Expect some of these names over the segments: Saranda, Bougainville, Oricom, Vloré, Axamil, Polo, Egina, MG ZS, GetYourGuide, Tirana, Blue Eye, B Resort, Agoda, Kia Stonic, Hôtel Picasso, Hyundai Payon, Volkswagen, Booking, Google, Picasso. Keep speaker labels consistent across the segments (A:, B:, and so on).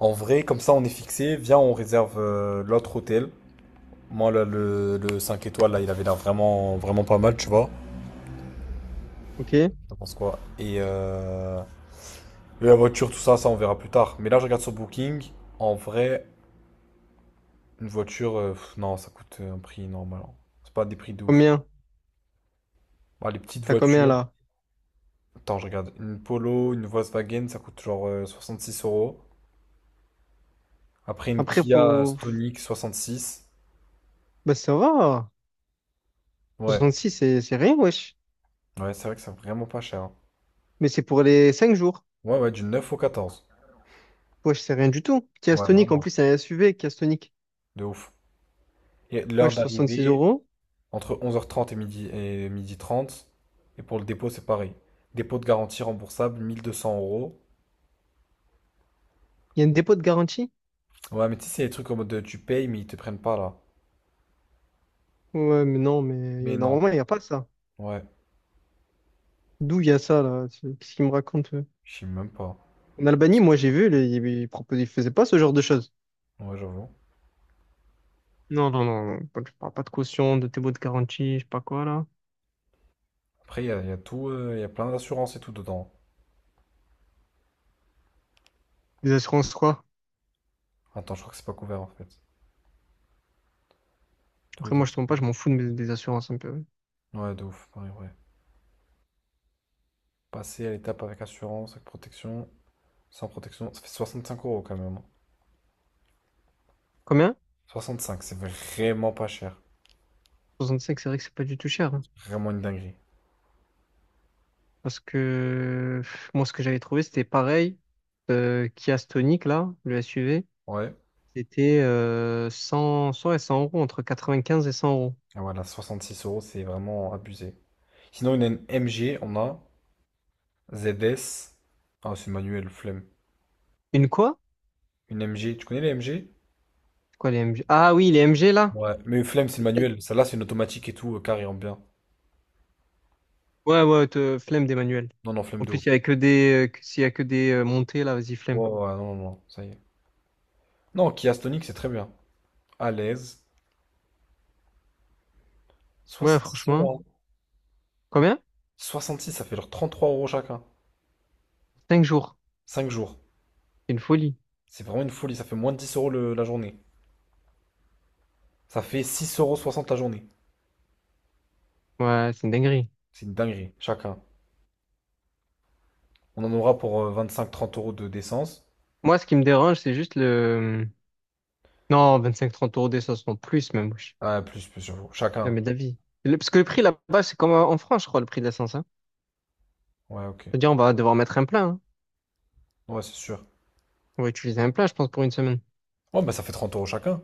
A: En vrai, comme ça, on est fixé. Viens, on réserve l'autre hôtel. Moi, là, le 5 étoiles, là, il avait l'air vraiment, vraiment pas mal, tu vois.
B: Ok.
A: Je pense quoi. Et la voiture, tout ça, ça, on verra plus tard. Mais là, je regarde sur Booking. En vrai, une voiture, non, ça coûte un prix normal, hein. C'est pas des prix de ouf.
B: Combien?
A: Bah, les petites
B: T'as combien
A: voitures.
B: là?
A: Attends, je regarde. Une Polo, une Volkswagen, ça coûte genre 66 euros. Après, une
B: Après,
A: Kia
B: faut.
A: Stonic, 66.
B: Bah, ça va.
A: Ouais,
B: 66, c'est rien, wesh.
A: ouais, c'est vrai que c'est vraiment pas cher, hein.
B: Mais c'est pour les 5 jours.
A: Ouais, ouais, du 9 au 14.
B: Wesh, c'est rien du tout. Kia
A: Ouais,
B: Stonic, en
A: vraiment.
B: plus, c'est un SUV, Kia Stonic.
A: De ouf. Et l'heure
B: Wesh, 66
A: d'arrivée,
B: euros.
A: entre 11h30 et midi, et 12h30. Et pour le dépôt, c'est pareil. Dépôt de garantie remboursable, 1200 euros.
B: Il y a un dépôt de garantie?
A: Ouais, mais tu sais, c'est les trucs en mode de, tu payes, mais ils te prennent pas là.
B: Ouais, mais non,
A: Mais
B: mais
A: non.
B: normalement, il n'y a pas ça.
A: Ouais,
B: D'où il y a ça, là? C'est- Qu'est-ce qu'il me raconte?
A: je sais même pas.
B: En Albanie, moi, j'ai vu, les- ils proposaient, ils faisaient pas ce genre de choses.
A: Ouais, j'avoue.
B: Non, non, non, non. Pas- Je parle pas de caution, de dépôt de garantie, je sais pas quoi, là.
A: Après, il y a tout, il y a plein d'assurances et tout dedans.
B: Des assurances, quoi.
A: Attends, je crois que c'est pas couvert en fait. Tous
B: Après,
A: les
B: moi,
A: autres.
B: je tombe pas, je m'en fous de mes- des assurances un peu.
A: Ouais, de ouf, pareil, ouais. Passer à l'étape avec assurance, avec protection, sans protection, ça fait 65 € quand même.
B: Combien?
A: 65, c'est vraiment pas cher.
B: 65, c'est vrai que c'est pas du tout cher, hein.
A: Vraiment une dinguerie.
B: Parce que pff, moi, ce que j'avais trouvé, c'était pareil. Kia Stonic, là, le SUV,
A: Ouais.
B: c'était 100, 100 et 100 euros, entre 95 et 100 euros.
A: Ah, voilà, six euros, c'est vraiment abusé. Sinon, une MG, on a ZS. Ah, c'est manuel, flemme.
B: Une quoi?
A: Une MG, tu connais les MG?
B: C'est quoi les MG? Ah oui, les MG, là?
A: Ouais, mais flemme, c'est manuel. Celle-là, c'est une automatique et tout, carré en bien.
B: Ouais, ouais, te- flemme des manuels.
A: Non, non, flemme
B: En
A: de
B: plus,
A: ouf.
B: il y a que des, que- s'il y a que des montées, là, vas-y, flemme.
A: Ouais, ouais, ouais, non, non, non, ça y est. Non, Kia Stonic, c'est très bien. À l'aise.
B: Ouais,
A: Six
B: franchement.
A: euros, hein.
B: Combien?
A: 66, ça fait genre 3 € chacun.
B: 5 jours.
A: 5 jours.
B: C'est une folie.
A: C'est vraiment une folie, ça fait moins de 10 € la journée. Ça fait 6,60 € la journée.
B: Ouais, c'est une dinguerie.
A: C'est une dinguerie, chacun. On en aura pour vingt cinq trente euros de d'essence.
B: Moi, ce qui me dérange, c'est juste le... Non, 25-30 euros d'essence, non, plus même.
A: Ah, plus, plus, j'avoue. Chacun.
B: Jamais d'avis. Le- Parce que le prix là-bas, c'est comme en France, je crois, le prix de l'essence, hein.
A: Ouais, ok.
B: C'est-à-dire, on va devoir mettre un plein, hein.
A: Ouais, c'est sûr.
B: On va utiliser un plein, je pense, pour 1 semaine.
A: Ouais, bah ça fait 30 € chacun.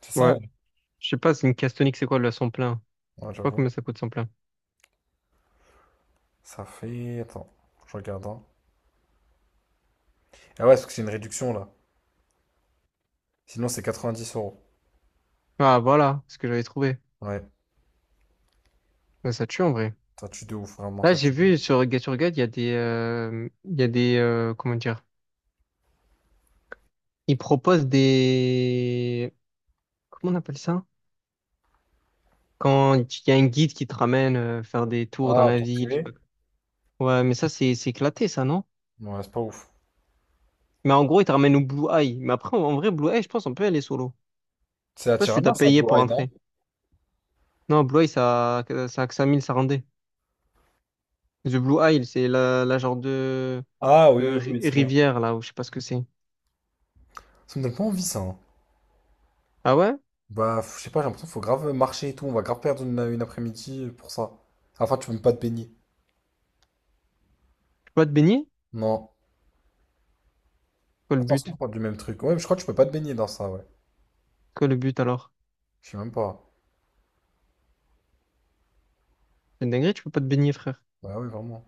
A: C'est ça, en
B: Ouais.
A: vrai.
B: Je sais pas, c'est une caisse tonique, c'est quoi le son plein?
A: Ouais,
B: Je sais pas
A: j'avoue.
B: combien ça coûte son plein.
A: Ça fait... Attends, je regarde, hein. Ah ouais, parce que c'est une réduction, là. Sinon, c'est 90 euros.
B: Ah, voilà, ce que j'avais trouvé.
A: Ouais,
B: Ouais, ça tue en vrai.
A: ça tue de ouf, vraiment,
B: Là,
A: ça
B: j'ai
A: tue.
B: vu sur GetYourGuide, il y a des... Il y a des... comment dire? Ils proposent des... Comment on appelle ça? Quand il y a un guide qui te ramène faire des tours dans
A: Ah,
B: la
A: tour
B: ville, je sais
A: privé?
B: pas. Ouais, mais ça, c'est éclaté, ça, non?
A: Ouais, c'est pas ouf.
B: Mais en gros, il te ramène au Blue Eye. Mais après, en vrai, Blue Eye, je pense, on peut aller solo.
A: C'est à
B: Pas si tu
A: Tirana,
B: t'as
A: ça,
B: payé
A: Blue
B: pour
A: Eye, non?
B: entrer. Non, Blue Eye, ça a que 5000, ça rendait. The Blue Isle, c'est la genre
A: Ah oui,
B: de
A: oui,
B: ri-
A: oui, c'est bon.
B: rivière, là, où je sais pas ce que c'est.
A: Ça me donne pas envie, ça, hein.
B: Ah ouais? Tu
A: Bah, je sais pas, j'ai l'impression qu'il faut grave marcher et tout. On va grave perdre une après-midi pour ça. Enfin, tu peux même pas te baigner.
B: peux pas te baigner?
A: Non.
B: Quoi le
A: Attention,
B: but?
A: on parle du même truc. Ouais, je crois que tu peux pas te baigner dans ça, ouais.
B: Quoi le but alors?
A: Je sais même pas.
B: C'est une dinguerie, tu peux pas te baigner, frère.
A: Ouais, ouais, vraiment.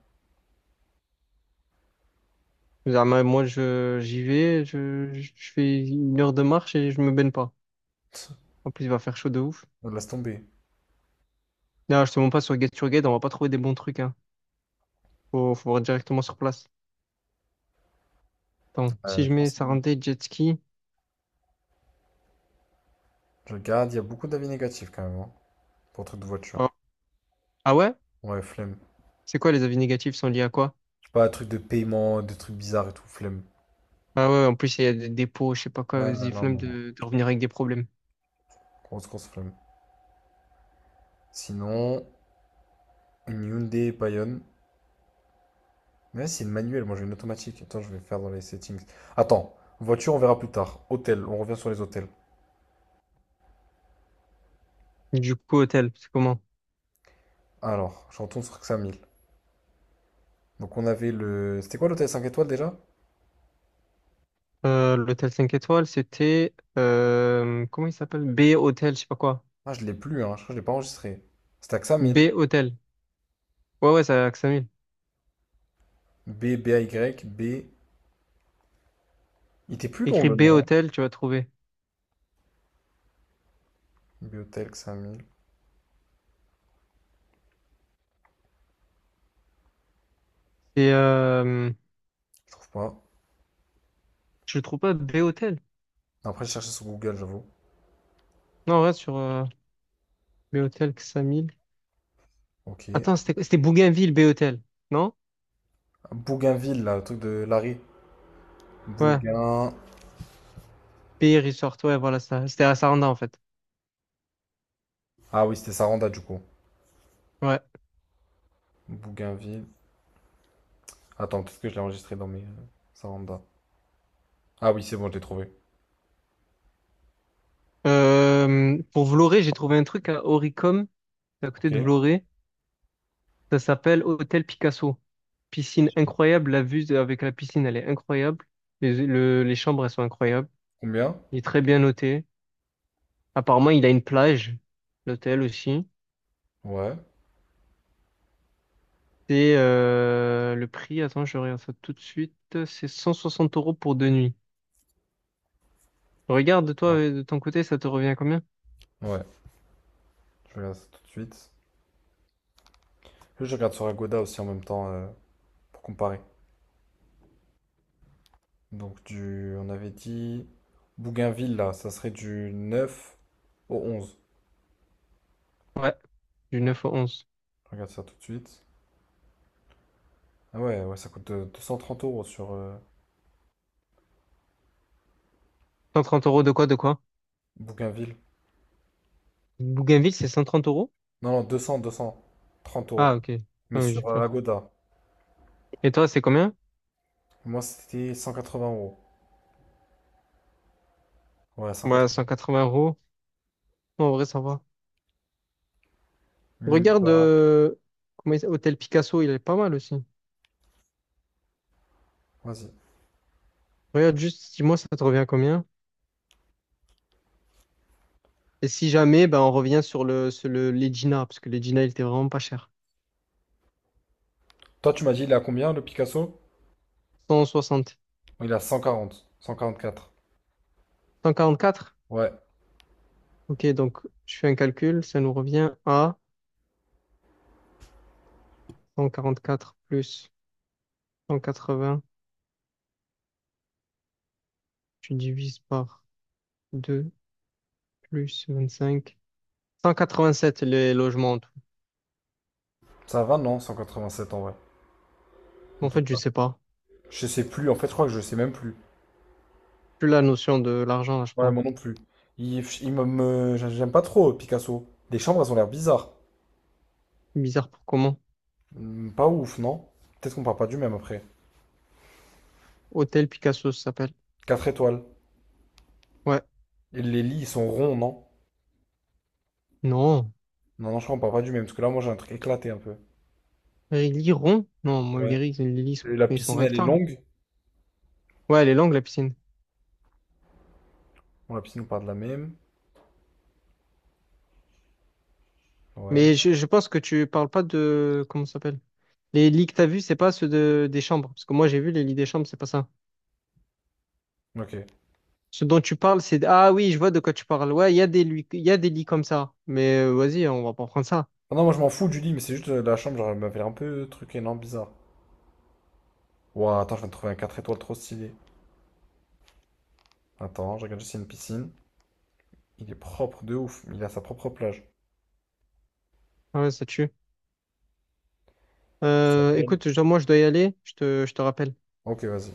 B: Ah, mais moi, j'y vais, je fais 1 heure de marche et je me baigne pas. En plus, il va faire chaud de ouf.
A: On laisse tomber.
B: Là, je te montre pas sur Get Your Guide, on va pas trouver des bons trucs, hein. Faut voir directement sur place. Attends, si je
A: Je
B: mets
A: pense que
B: ça
A: c'est bien.
B: rendait jet ski.
A: Je regarde, il y a beaucoup d'avis négatifs quand même, hein, pour trucs de voiture.
B: Ah, ah ouais?
A: Ouais, flemme.
B: C'est quoi les avis négatifs sont liés à quoi?
A: Je sais pas, trucs de paiement, des trucs bizarres et tout, flemme.
B: Ah ouais, en plus, il y a des dépôts, je sais pas quoi,
A: Ouais, non,
B: vas-y,
A: non,
B: flemme
A: non.
B: de revenir avec des problèmes.
A: Grosse, grosse flemme. Sinon, une Hyundai Payon. Mais c'est une manuelle, moi j'ai une automatique. Attends, je vais faire dans les settings. Attends, voiture, on verra plus tard. Hôtel, on revient sur les hôtels.
B: Du coup, hôtel, c'est comment?
A: Alors, je retourne sur 5000. Donc on avait le... C'était quoi l'hôtel 5 étoiles déjà?
B: L'hôtel 5 étoiles, c'était, comment il s'appelle? B Hôtel, je sais pas quoi.
A: Ah, je l'ai plus, hein. Je crois que je l'ai pas enregistré. C'était à 5000.
B: B Hôtel. Ouais, ouais, ça à Axamil.
A: B, B, A, Y, B... Il était plus long
B: Écris
A: le
B: B
A: nom, hein.
B: Hôtel, tu vas trouver.
A: Biotelk 5 000,
B: Et,
A: je trouve pas.
B: je le trouve pas, B Hôtel.
A: Après, je cherchais sur Google, j'avoue.
B: Non, reste sur, B Hôtel, Axamil.
A: Ok.
B: Attends, c'était Bougainville, B Hôtel. Non?
A: Bougainville, là, le truc de Larry.
B: Ouais.
A: Bougain.
B: B Resort, ouais, voilà ça. C'était à Saranda, en fait.
A: Ah oui, c'était Saranda, du coup.
B: Ouais.
A: Bougainville. Attends, peut-être que je l'ai enregistré dans mes, Saranda. Ah oui, c'est bon, je l'ai trouvé.
B: Pour Vloré, j'ai trouvé un truc à Oricom, c'est à côté
A: Ok.
B: de Vloré. Ça s'appelle Hôtel Picasso. Piscine incroyable. La vue avec la piscine, elle est incroyable. Les, le- les chambres, elles sont incroyables.
A: Combien?
B: Il est très bien noté. Apparemment, il a une plage, l'hôtel aussi.
A: Ouais.
B: C'est le prix, attends, je regarde ça tout de suite. C'est 160 euros pour 2 nuits. Regarde, toi,
A: Ah.
B: de ton côté, ça te revient à combien?
A: Ouais. Je regarde ça tout de suite. Je regarde sur Agoda aussi en même temps, pour comparer. Donc, du... on avait dit. Bougainville, là, ça serait du 9 au 11.
B: Ouais, du 9 au onze.
A: Je regarde ça tout de suite. Ah ouais, ouais, ça coûte 230 € sur
B: Cent trente euros de quoi, de quoi?
A: Bougainville.
B: Bougainville, c'est 130 euros?
A: Non, non, deux cent trente euros.
B: Ah, ok.
A: Mais
B: Ah oui, j'ai
A: sur
B: peur.
A: Agoda.
B: Et toi, c'est combien?
A: Moi, c'était 180 euros. Ouais,
B: Ouais,
A: 180.
B: 180 euros. En vrai, ça va.
A: Mini
B: Regarde,
A: bar.
B: comment il s'appelle, Hôtel Picasso, il est pas mal aussi.
A: Vas-y.
B: Regarde juste, dis-moi, ça te revient à combien? Et si jamais, ben, on revient sur le l'Egina, parce que l'Egina, il était vraiment pas cher.
A: Toi, tu m'as dit, il est à combien le Picasso?
B: 160.
A: Il est à 140. 144.
B: 144.
A: Ouais.
B: Ok, donc je fais un calcul, ça nous revient à 144 plus 180. Tu divises par 2 plus 25. 187 les logements en tout.
A: Ça va, non? 187 en vrai. En
B: En fait, je
A: total.
B: sais pas.
A: Je sais plus. En fait, je crois que je sais même plus.
B: Plus la notion de l'argent, là, je
A: Ouais,
B: crois.
A: moi non plus. J'aime pas trop Picasso. Les chambres, elles ont l'air bizarres.
B: Bizarre pour comment.
A: Hmm, pas ouf, non? Peut-être qu'on parle pas du même après.
B: Hôtel Picasso, ça s'appelle.
A: 4 étoiles.
B: Ouais.
A: Et les lits, ils sont ronds, non?
B: Non.
A: Non, non, je crois qu'on parle pas du même, parce que là, moi, j'ai un truc éclaté un peu.
B: Les lits ronds? Non, moi,
A: Ouais.
B: les lits,
A: Et la
B: ils sont
A: piscine, elle est
B: rectangles.
A: longue.
B: Ouais, elle est longue, la piscine.
A: Bon, la piscine, on parle de la même. Ouais.
B: Mais je pense que tu parles pas de... Comment ça s'appelle? Les lits que t'as vus, c'est pas ceux de, des chambres. Parce que moi, j'ai vu les lits des chambres, c'est pas ça.
A: Ok.
B: Ce dont tu parles, c'est... Ah oui, je vois de quoi tu parles. Ouais, il y a des, lui, il y a des lits comme ça. Mais vas-y, on va pas prendre ça.
A: Ah non, moi, je m'en fous du lit, mais c'est juste la chambre, genre, elle m'avait un peu truc énorme, bizarre. Ouah, attends, je viens de trouver un 4 étoiles trop stylé. Attends, je regarde juste s'il y a une piscine. Il est propre de ouf. Il a sa propre plage.
B: Ah ouais, ça tue. Écoute, je- moi, je dois y aller. Je te rappelle.
A: Ok, vas-y.